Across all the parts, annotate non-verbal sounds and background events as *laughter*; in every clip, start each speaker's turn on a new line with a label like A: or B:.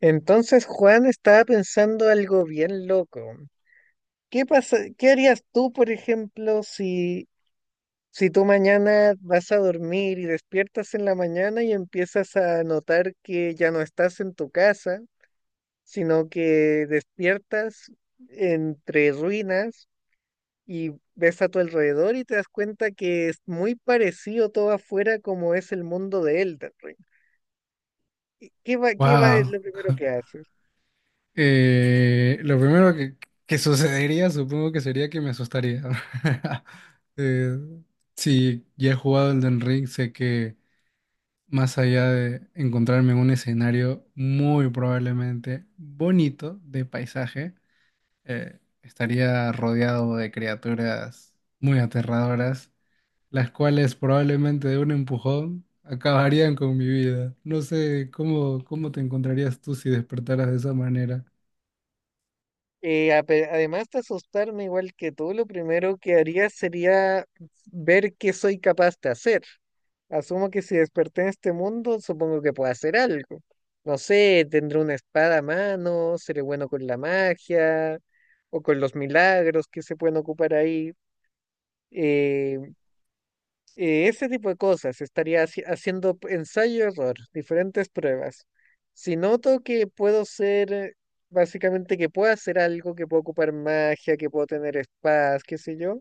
A: Entonces Juan estaba pensando algo bien loco. ¿Qué pasa, qué harías tú, por ejemplo, si tú mañana vas a dormir y despiertas en la mañana y empiezas a notar que ya no estás en tu casa, sino que despiertas entre ruinas y ves a tu alrededor y te das cuenta que es muy parecido todo afuera como es el mundo de Elden Ring? Qué va, es
B: Wow.
A: lo primero que haces?
B: Lo primero que sucedería, supongo que sería que me asustaría. *laughs* Eh, si ya he jugado Elden Ring, sé que más allá de encontrarme en un escenario muy probablemente bonito de paisaje, estaría rodeado de criaturas muy aterradoras, las cuales probablemente de un empujón acabarían con mi vida. No sé cómo te encontrarías tú si despertaras de esa manera.
A: Además de asustarme igual que tú, lo primero que haría sería ver qué soy capaz de hacer. Asumo que si desperté en este mundo, supongo que puedo hacer algo. No sé, tendré una espada a mano, seré bueno con la magia o con los milagros que se pueden ocupar ahí. eh, Ese tipo de cosas, estaría haciendo ensayo-error, diferentes pruebas. Si noto que puedo ser, básicamente que puedo hacer algo, que puedo ocupar magia, que puedo tener espadas, qué sé yo,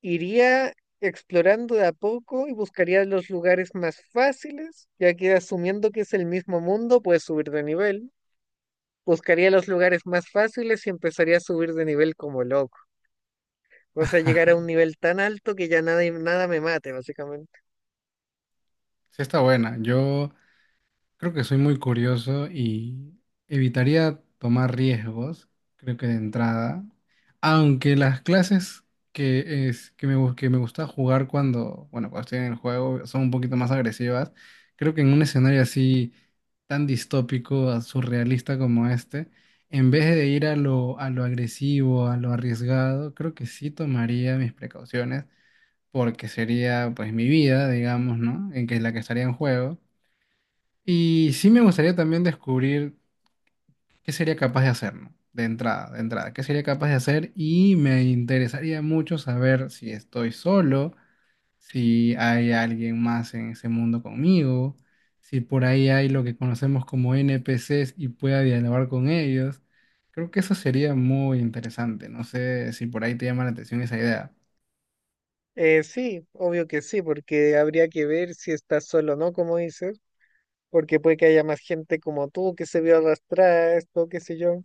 A: iría explorando de a poco y buscaría los lugares más fáciles, ya que asumiendo que es el mismo mundo, puedes subir de nivel. Buscaría los lugares más fáciles y empezaría a subir de nivel como loco. O
B: *laughs*
A: sea, llegar a
B: Ajá,
A: un nivel tan alto que ya nada, nada me mate, básicamente.
B: sí está buena. Yo creo que soy muy curioso y evitaría tomar riesgos, creo que de entrada. Aunque las clases que, es, que, me, gu- que me gusta jugar cuando, bueno, cuando estoy en el juego son un poquito más agresivas, creo que en un escenario así tan distópico, surrealista como este, en vez de ir a lo agresivo, a lo arriesgado, creo que sí tomaría mis precauciones porque sería pues mi vida, digamos, ¿no? En que es la que estaría en juego. Y sí me gustaría también descubrir qué sería capaz de hacer, ¿no? De entrada, qué sería capaz de hacer y me interesaría mucho saber si estoy solo, si hay alguien más en ese mundo conmigo, si por ahí hay lo que conocemos como NPCs y pueda dialogar con ellos. Creo que eso sería muy interesante. No sé si por ahí te llama la atención esa idea.
A: Sí, obvio que sí, porque habría que ver si estás solo o no, como dices, porque puede que haya más gente como tú que se vio arrastrada a esto, qué sé yo.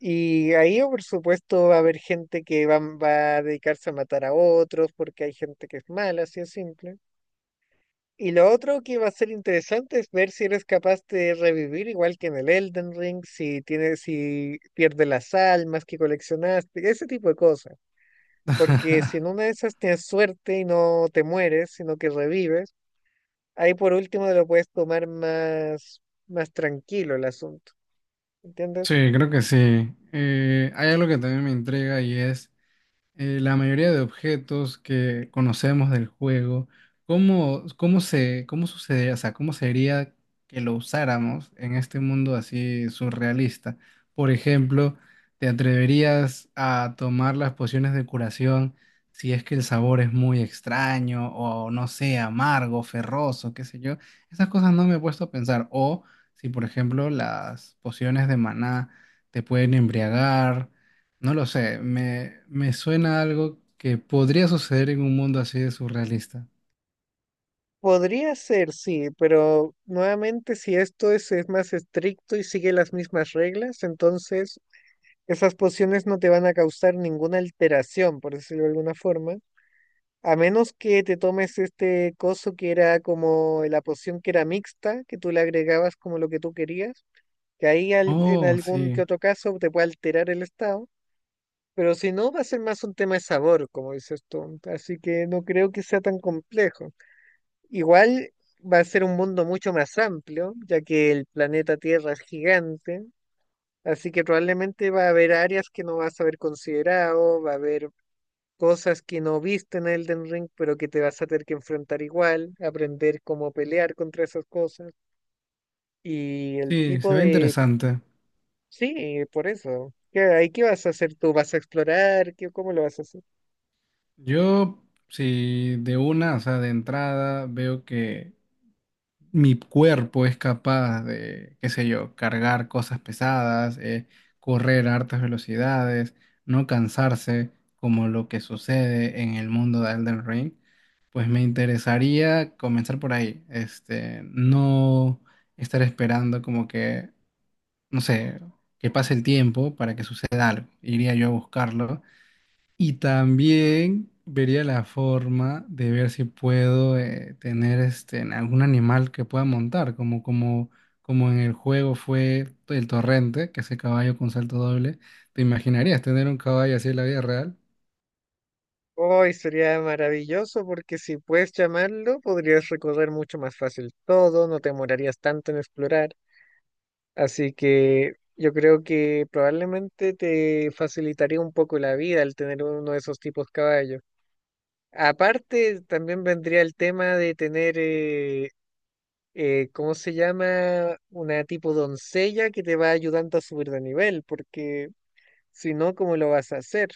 A: Y ahí, oh, por supuesto, va a haber gente que va a dedicarse a matar a otros, porque hay gente que es mala, así es simple. Y lo otro que va a ser interesante es ver si eres capaz de revivir, igual que en el Elden Ring, si tienes, si pierdes las almas que coleccionaste, ese tipo de cosas. Porque si
B: *laughs*
A: en una de esas tienes suerte y no te mueres, sino que revives, ahí por último te lo puedes tomar más, más tranquilo el asunto. ¿Entiendes?
B: Sí, creo que sí. Hay algo que también me intriga y es la mayoría de objetos que conocemos del juego, cómo sucedería, o sea, cómo sería que lo usáramos en este mundo así surrealista? Por ejemplo, ¿te atreverías a tomar las pociones de curación si es que el sabor es muy extraño o no sé, amargo, ferroso, qué sé yo? Esas cosas no me he puesto a pensar. O si, por ejemplo, las pociones de maná te pueden embriagar no lo sé, me suena algo que podría suceder en un mundo así de surrealista.
A: Podría ser, sí, pero nuevamente si esto es más estricto y sigue las mismas reglas, entonces esas pociones no te van a causar ninguna alteración, por decirlo de alguna forma, a menos que te tomes este coso que era como la poción que era mixta, que tú le agregabas como lo que tú querías que ahí en
B: Oh,
A: algún que
B: sí,
A: otro caso te puede alterar el estado, pero si no, va a ser más un tema de sabor, como dices tú, así que no creo que sea tan complejo. Igual va a ser un mundo mucho más amplio, ya que el planeta Tierra es gigante, así que probablemente va a haber áreas que no vas a haber considerado, va a haber cosas que no viste en Elden Ring, pero que te vas a tener que enfrentar igual, aprender cómo pelear contra esas cosas. Y el
B: sí, se
A: tipo
B: ve
A: de.
B: interesante.
A: Sí, por eso. ¿Qué, ahí qué vas a hacer tú? ¿Vas a explorar? ¿Qué, cómo lo vas a hacer?
B: Yo, sí, de una, o sea, de entrada, veo que mi cuerpo es capaz de, qué sé yo, cargar cosas pesadas, correr a altas velocidades, no cansarse, como lo que sucede en el mundo de Elden Ring, pues me interesaría comenzar por ahí. Este, no estar esperando como que, no sé, que pase el tiempo para que suceda algo. Iría yo a buscarlo y también vería la forma de ver si puedo tener este, en algún animal que pueda montar, como en el juego fue el torrente, que ese caballo con salto doble. ¿Te imaginarías tener un caballo así en la vida real?
A: Hoy sería maravilloso porque si puedes llamarlo, podrías recorrer mucho más fácil todo, no te demorarías tanto en explorar. Así que yo creo que probablemente te facilitaría un poco la vida al tener uno de esos tipos caballos. Aparte, también vendría el tema de tener, ¿cómo se llama? Una tipo doncella que te va ayudando a subir de nivel, porque... Si no, ¿cómo lo vas a hacer?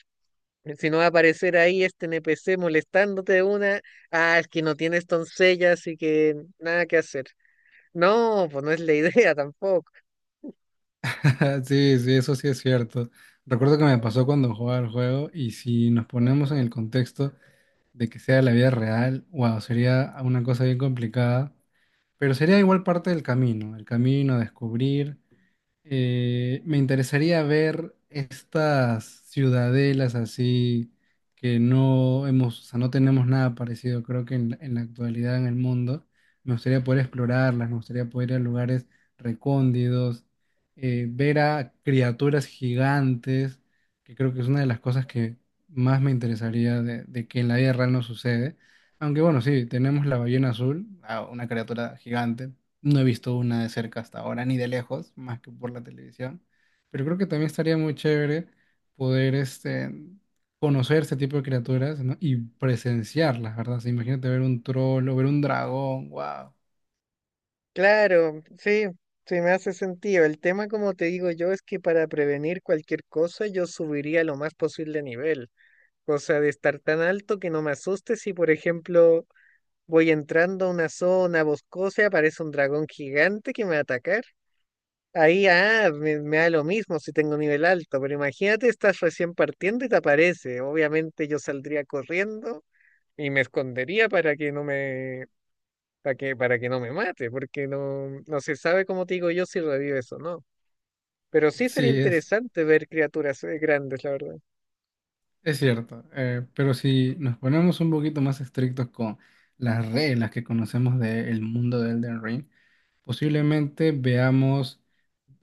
A: Si no va a aparecer ahí este NPC molestándote de una, ah, es que no tienes doncella, así que nada que hacer. No, pues no es la *laughs* idea tampoco.
B: *laughs* Sí, sí, eso sí es cierto. Recuerdo que me pasó cuando jugaba el juego y si nos ponemos en el contexto de que sea la vida real, wow, sería una cosa bien complicada, pero sería igual parte del camino, el camino a descubrir. Me interesaría ver estas ciudadelas así que no hemos, o sea, no tenemos nada parecido, creo que en la actualidad en el mundo. Me gustaría poder explorarlas, me gustaría poder ir a lugares recóndidos, ver a criaturas gigantes, que creo que es una de las cosas que más me interesaría de que en la vida real no sucede. Aunque bueno, sí, tenemos la ballena azul, ah, una criatura gigante, no he visto una de cerca hasta ahora, ni de lejos, más que por la televisión. Pero creo que también estaría muy chévere poder este, conocer este tipo de criaturas, ¿no? Y presenciarlas, ¿verdad? O sea, imagínate ver un troll o ver un dragón, wow.
A: Claro, sí, sí me hace sentido. El tema, como te digo yo, es que para prevenir cualquier cosa yo subiría lo más posible de nivel. Cosa de estar tan alto que no me asuste si, por ejemplo, voy entrando a una zona boscosa y aparece un dragón gigante que me va a atacar. Ahí, ah, me da lo mismo si tengo nivel alto, pero imagínate, estás recién partiendo y te aparece. Obviamente yo saldría corriendo y me escondería para que no me mate, porque no, no se sabe, como te digo yo, si revives o no. Pero sí sería
B: Sí,
A: interesante ver criaturas grandes, la verdad.
B: es cierto. Pero si nos ponemos un poquito más estrictos con las reglas que conocemos del mundo de Elden Ring, posiblemente veamos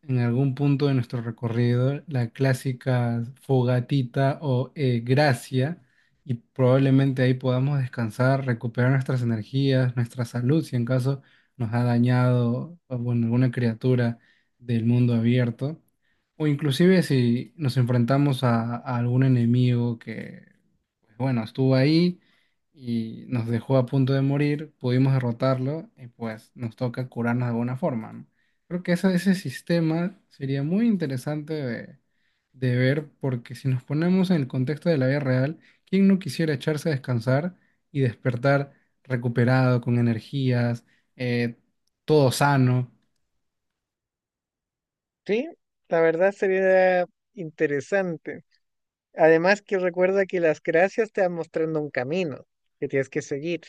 B: en algún punto de nuestro recorrido la clásica fogatita o gracia y probablemente ahí podamos descansar, recuperar nuestras energías, nuestra salud, si en caso nos ha dañado o, bueno, alguna criatura del mundo abierto, o inclusive si nos enfrentamos a algún enemigo que, pues, bueno, estuvo ahí. Y nos dejó a punto de morir, pudimos derrotarlo y pues nos toca curarnos de alguna forma, ¿no? Creo que ese sistema sería muy interesante de ver porque si nos ponemos en el contexto de la vida real, ¿quién no quisiera echarse a descansar y despertar recuperado, con energías, eh, todo sano?
A: Sí, la verdad sería interesante. Además que recuerda que las gracias te van mostrando un camino que tienes que seguir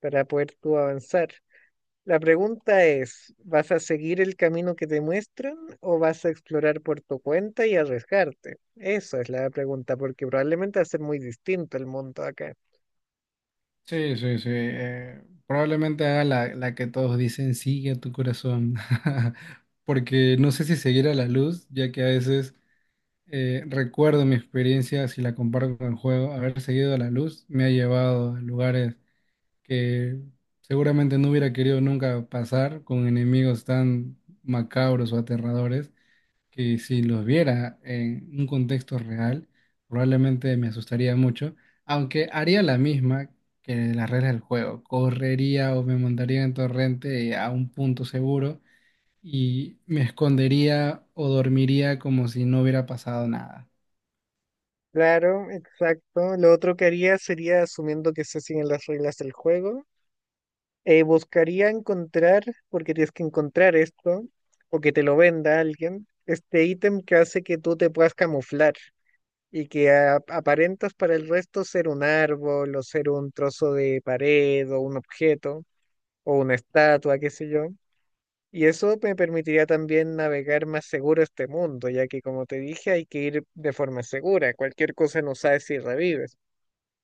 A: para poder tú avanzar. La pregunta es, ¿vas a seguir el camino que te muestran o vas a explorar por tu cuenta y arriesgarte? Esa es la pregunta, porque probablemente va a ser muy distinto el mundo acá.
B: Sí, sí, sí. Probablemente haga la que todos dicen, sigue a tu corazón. *laughs* Porque no sé si seguir a la luz, ya que a veces recuerdo mi experiencia, si la comparo con el juego, haber seguido a la luz me ha llevado a lugares que seguramente no hubiera querido nunca pasar con enemigos tan macabros o aterradores que si los viera en un contexto real, probablemente me asustaría mucho, aunque haría la misma que las reglas del juego, correría o me montaría en torrente a un punto seguro y me escondería o dormiría como si no hubiera pasado nada.
A: Claro, exacto. Lo otro que haría sería, asumiendo que se siguen las reglas del juego, buscaría encontrar, porque tienes que encontrar esto, o que te lo venda alguien, este ítem que hace que tú te puedas camuflar. Y que aparentas para el resto ser un árbol o ser un trozo de pared o un objeto o una estatua, qué sé yo. Y eso me permitiría también navegar más seguro este mundo, ya que como te dije, hay que ir de forma segura, cualquier cosa no sabes si revives.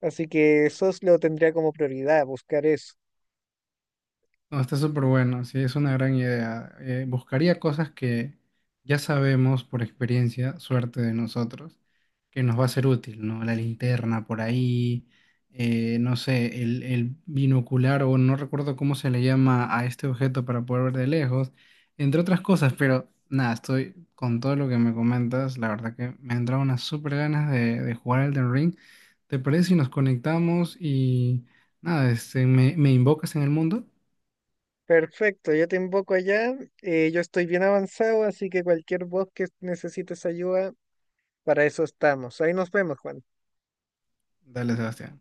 A: Así que eso lo tendría como prioridad, buscar eso.
B: No, está súper bueno, sí, es una gran idea. Buscaría cosas que ya sabemos por experiencia, suerte de nosotros, que nos va a ser útil, ¿no? La linterna por ahí, no sé, el binocular o no recuerdo cómo se le llama a este objeto para poder ver de lejos, entre otras cosas, pero nada, estoy con todo lo que me comentas, la verdad que me han entrado unas súper ganas de jugar al Elden Ring. ¿Te parece si nos conectamos y nada, este, me invocas en el mundo?
A: Perfecto, yo te invoco allá, yo estoy bien avanzado, así que cualquier voz que necesites ayuda, para eso estamos. Ahí nos vemos, Juan.
B: Dale, Sebastián.